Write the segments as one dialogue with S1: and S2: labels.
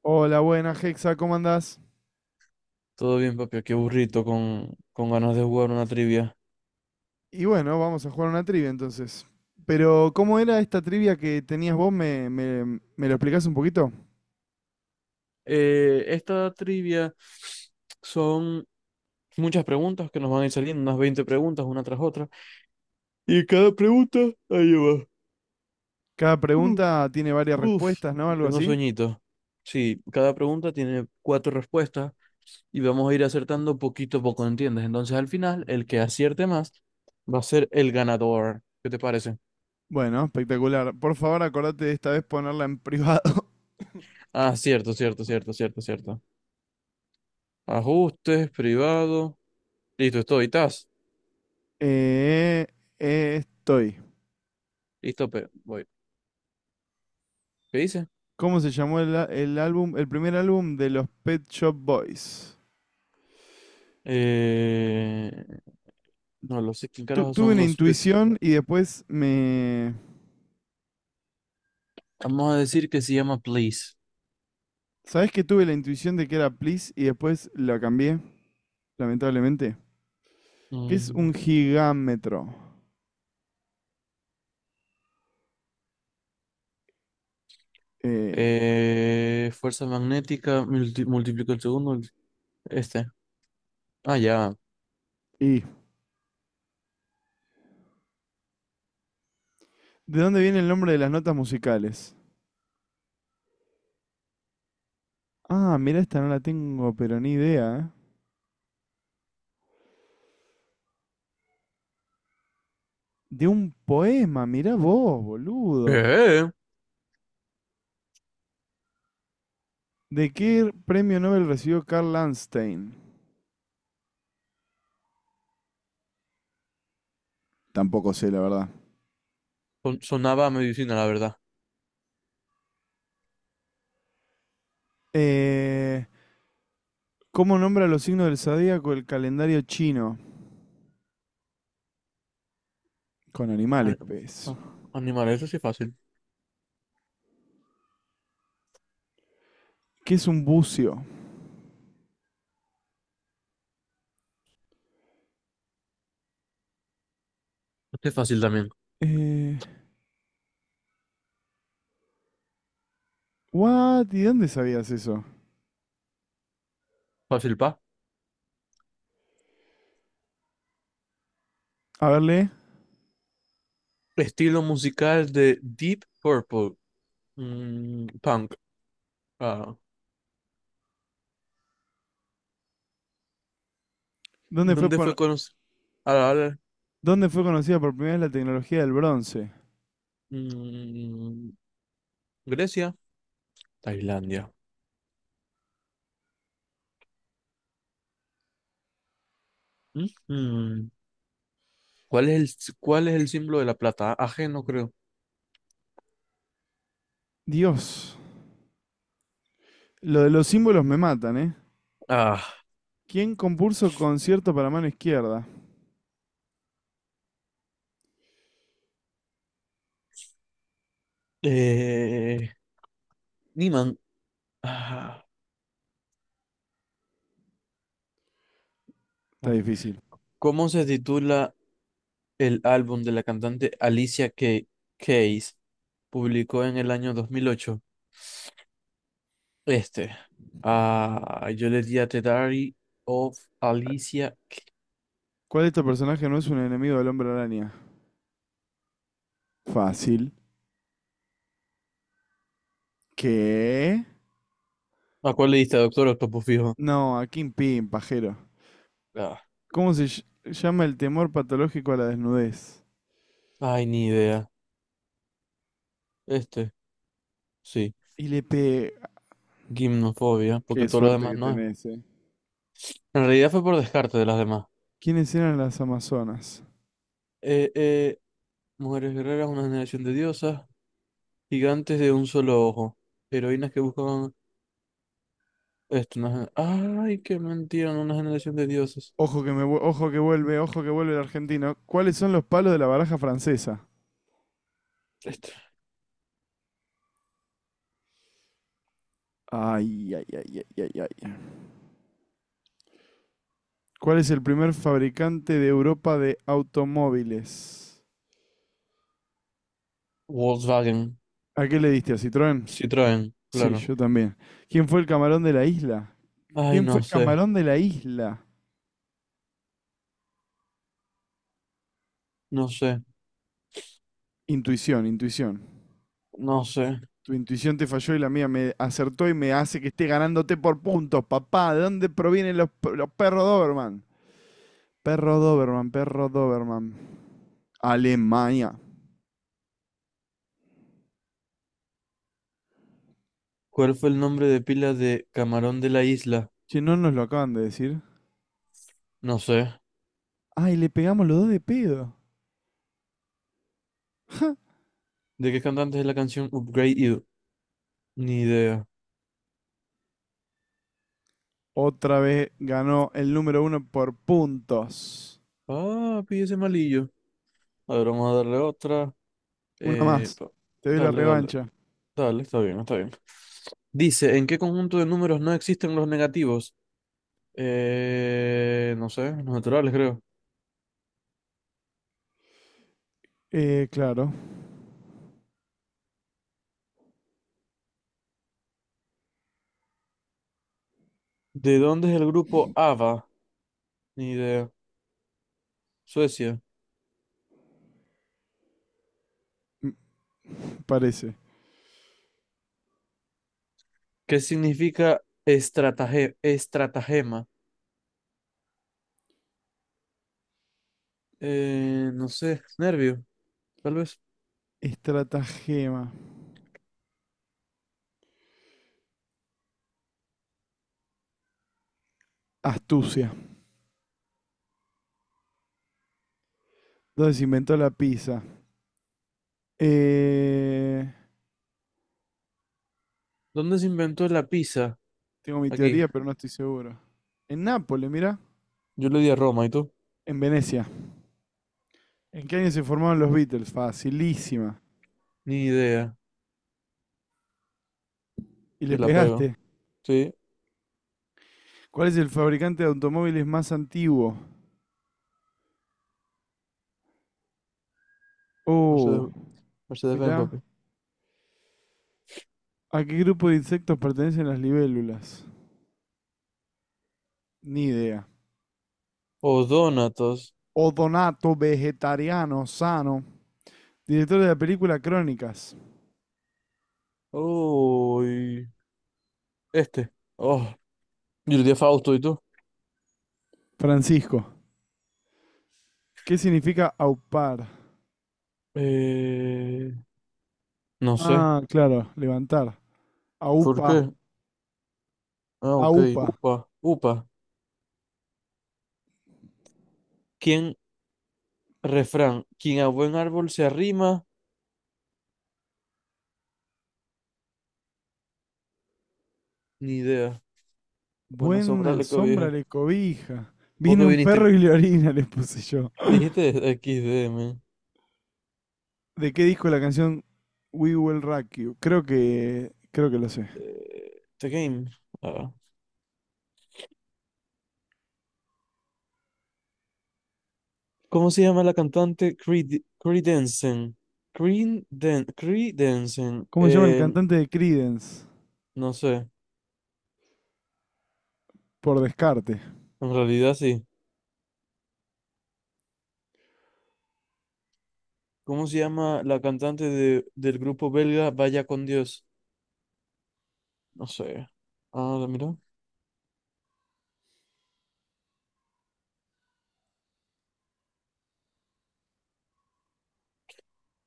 S1: Hola, buena Hexa, ¿cómo andás?
S2: Todo bien, papi, qué burrito con ganas de jugar una trivia.
S1: Y bueno, vamos a jugar una trivia entonces. Pero, ¿cómo era esta trivia que tenías vos? ¿Me lo explicás un poquito?
S2: Esta trivia son muchas preguntas que nos van a ir saliendo, unas 20 preguntas una tras otra. Y cada pregunta, ahí va.
S1: Cada
S2: Uf,
S1: pregunta tiene varias
S2: uf,
S1: respuestas, ¿no? Algo
S2: Tengo
S1: así.
S2: sueñito. Sí, cada pregunta tiene 4 respuestas y vamos a ir acertando poquito a poco, ¿entiendes? Entonces al final, el que acierte más va a ser el ganador. ¿Qué te parece?
S1: Bueno, espectacular. Por favor, acordate de esta vez ponerla en privado.
S2: Ah, cierto, cierto, cierto, cierto, cierto. Ajustes, privado. Listo, estoy, estás.
S1: Eh, Estoy.
S2: Listo, pero voy. ¿Qué dice?
S1: ¿Cómo se llamó el álbum, el primer álbum de los Pet Shop Boys?
S2: Eh, no lo sé quién carajo
S1: Tuve
S2: son
S1: una
S2: los pets.
S1: intuición y después me...
S2: Vamos a decir que se llama Please.
S1: ¿Sabés que tuve la intuición de que era Please y después la cambié lamentablemente? ¿Qué es
S2: Mm.
S1: un gigámetro? Eh,
S2: Fuerza magnética, multiplica el segundo. Este. Ah, ya.
S1: y ¿de dónde viene el nombre de las notas musicales? Ah, mira, esta no la tengo, pero ni idea, ¿eh? De un poema, mirá vos, boludo.
S2: ¿Qué?
S1: ¿De qué premio Nobel recibió Carl Landstein? Tampoco sé, la verdad.
S2: Sonaba a medicina, la verdad.
S1: Eh, ¿Cómo nombra los signos del zodíaco el calendario chino? Con animales,
S2: Ani-
S1: pez.
S2: ah, animal, eso sí es fácil.
S1: ¿Qué es un bucio?
S2: Este es fácil también.
S1: Eh, ¿What? ¿Y dónde sabías eso?
S2: Fácil, pa.
S1: A verle.
S2: Estilo musical de Deep Purple. Mm, punk. Ah.
S1: ¿Dónde fue,
S2: ¿Dónde
S1: pon-
S2: fue conocido?
S1: ¿Dónde fue conocida por primera vez la tecnología del bronce?
S2: Grecia, Tailandia. Ujú. ¿Cuál es cuál es el símbolo de la plata? AG, no creo.
S1: Dios, lo de los símbolos me matan, ¿eh?
S2: Ah,
S1: ¿Quién compuso concierto para mano izquierda?
S2: eh, Niman. Ah,
S1: Está
S2: ah.
S1: difícil.
S2: ¿Cómo se titula el álbum de la cantante Keys? ¿Publicó en el año 2008? Este. Ah, yo le di a The Diary of Alicia.
S1: ¿Cuál de estos personajes no es un enemigo del hombre araña? Fácil. ¿Qué?
S2: ¿A cuál le diste? Doctor Octopus fijo.
S1: No, a Kim Pim, pajero.
S2: Ah,
S1: ¿Cómo se llama el temor patológico a la desnudez?
S2: ay, ni idea. Este, sí.
S1: ILP.
S2: Gimnofobia, porque
S1: Qué
S2: todo lo
S1: suerte
S2: demás
S1: que
S2: no es.
S1: tenés, ¿eh?
S2: En realidad fue por descarte de las demás.
S1: ¿Quiénes eran las Amazonas?
S2: Eh, eh, Mujeres guerreras, una generación de diosas, gigantes de un solo ojo, heroínas que buscaban esto. Una... Ay, qué mentira, no una generación de diosas.
S1: Ojo que vuelve el argentino. ¿Cuáles son los palos de la baraja francesa?
S2: Esto.
S1: Ay, ay, ay, ay, ay, ay. ¿Cuál es el primer fabricante de Europa de automóviles?
S2: Volkswagen,
S1: ¿A qué le diste? ¿A Citroën?
S2: Citroën,
S1: Sí,
S2: claro.
S1: yo también. ¿Quién fue el camarón de la isla?
S2: Ay,
S1: ¿Quién fue
S2: no
S1: el
S2: sé,
S1: camarón de la isla?
S2: no sé,
S1: Intuición, intuición.
S2: no sé.
S1: Tu intuición te falló y la mía me acertó y me hace que esté ganándote por puntos, papá. ¿De dónde provienen los perros Doberman? Perro Doberman, perro Doberman. Alemania.
S2: ¿Cuál fue el nombre de pila de Camarón de la Isla?
S1: Si no nos lo acaban de decir.
S2: No sé.
S1: Ay, le pegamos los dos de pedo.
S2: ¿De qué cantante es la canción Upgrade You? Ni idea.
S1: Otra vez ganó el número uno por puntos.
S2: Ah, pille ese malillo. A ver, vamos a darle otra.
S1: Una
S2: Eh,
S1: más.
S2: pa-
S1: Te doy la
S2: Dale, dale.
S1: revancha.
S2: Dale, está bien, está bien. Dice, ¿en qué conjunto de números no existen los negativos? No sé, los naturales, creo.
S1: Claro.
S2: ¿De dónde es el grupo ABBA? Ni idea. Suecia.
S1: M- Parece.
S2: ¿Qué significa estratagema? No sé, nervio, tal vez.
S1: Estratagema. Astucia. ¿Dónde se inventó la pizza? Eh,
S2: ¿Dónde se inventó la pizza?
S1: Tengo mi
S2: Aquí.
S1: teoría, pero no estoy seguro. En Nápoles, mira.
S2: Yo le di a Roma, ¿y tú?
S1: En Venecia. ¿En qué año se formaron los Beatles? Facilísima.
S2: Ni idea.
S1: Y le
S2: Y la pego.
S1: pegaste.
S2: Sí,
S1: ¿Cuál es el fabricante de automóviles más antiguo? Oh,
S2: Mercedes, Mercedes-Benz,
S1: mirá.
S2: papi.
S1: ¿A qué grupo de insectos pertenecen las libélulas? Ni idea.
S2: O Donatos.
S1: Odonato, vegetariano, sano. Director de la película Crónicas.
S2: Uy, este. Oh, yo le di a Fausto, ¿y tú?
S1: Francisco. ¿Qué significa aupar?
S2: Eh, no sé.
S1: Ah, claro, levantar.
S2: ¿Por
S1: Aupa,
S2: qué? Ah, ok.
S1: aupa.
S2: Upa, upa. ¿Quién? Refrán. Quien a buen árbol se arrima, ni idea. Buena sombra
S1: Buena
S2: le
S1: sombra
S2: cobija.
S1: le cobija.
S2: ¿Vos que
S1: Viene un perro
S2: viniste?
S1: y le orina, le puse yo.
S2: Dijiste X D man.
S1: ¿De qué disco la canción We Will Rock You? Creo que lo sé.
S2: The Game. Ah. ¿Cómo se llama la cantante Creed, Creedensen? Creedensen.
S1: ¿Cómo se llama el cantante de Creedence?
S2: No sé.
S1: Por descarte.
S2: En realidad sí. ¿Cómo se llama la cantante de, del grupo belga Vaya con Dios? No sé. Ah, mira.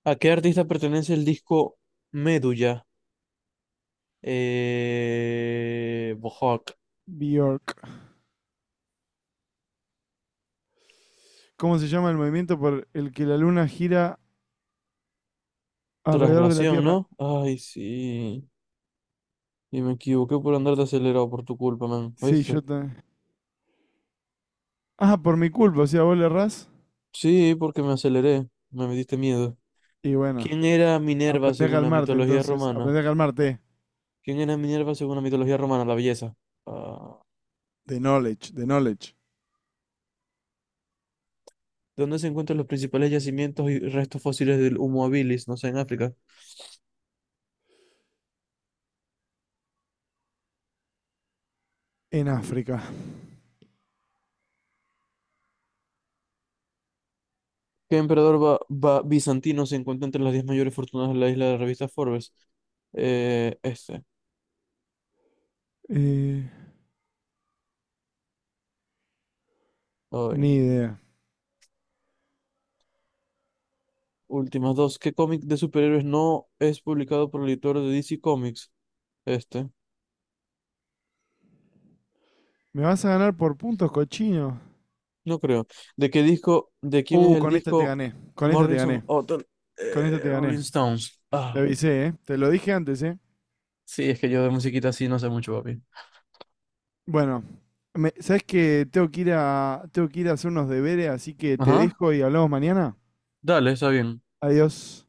S2: ¿A qué artista pertenece el disco Medulla? Bohawk.
S1: Bjork. ¿Cómo se llama el movimiento por el que la luna gira alrededor de la
S2: Traslación,
S1: Tierra?
S2: ¿no? Ay, sí. Y me equivoqué por andar de acelerado por tu culpa, man.
S1: Sí,
S2: ¿Oíste?
S1: yo también. Ah, por mi culpa, o sea, vos le errás.
S2: Sí, porque me aceleré. Me metiste miedo.
S1: Y bueno,
S2: ¿Quién era Minerva
S1: aprendí a
S2: según la
S1: calmarte
S2: mitología
S1: entonces.
S2: romana?
S1: Aprendí a calmarte.
S2: ¿Quién era Minerva según la mitología romana? La belleza. Ah,
S1: The knowledge, the knowledge.
S2: ¿dónde se encuentran los principales yacimientos y restos fósiles del Homo habilis? No sé, en África.
S1: En África.
S2: ¿Qué emperador bizantino se encuentra entre las 10 mayores fortunas de la isla de la revista Forbes? Este,
S1: Eh,
S2: hoy.
S1: Ni idea.
S2: Últimas dos. ¿Qué cómic de superhéroes no es publicado por el editor de DC Comics? Este,
S1: ¿Me vas a ganar por puntos, cochino?
S2: no creo. ¿De qué disco, de quién es el
S1: Con esta te
S2: disco
S1: gané. Con esta te
S2: Morrison
S1: gané.
S2: Hotel,
S1: Con esta te gané.
S2: Rolling Stones?
S1: Te
S2: Ah,
S1: avisé, ¿eh? Te lo dije antes, ¿eh?
S2: sí, es que yo de musiquita así no sé mucho, papi.
S1: Bueno, ¿sabes que tengo que ir a hacer unos deberes, así que te
S2: Ajá,
S1: dejo y hablamos mañana?
S2: dale, está bien.
S1: Adiós.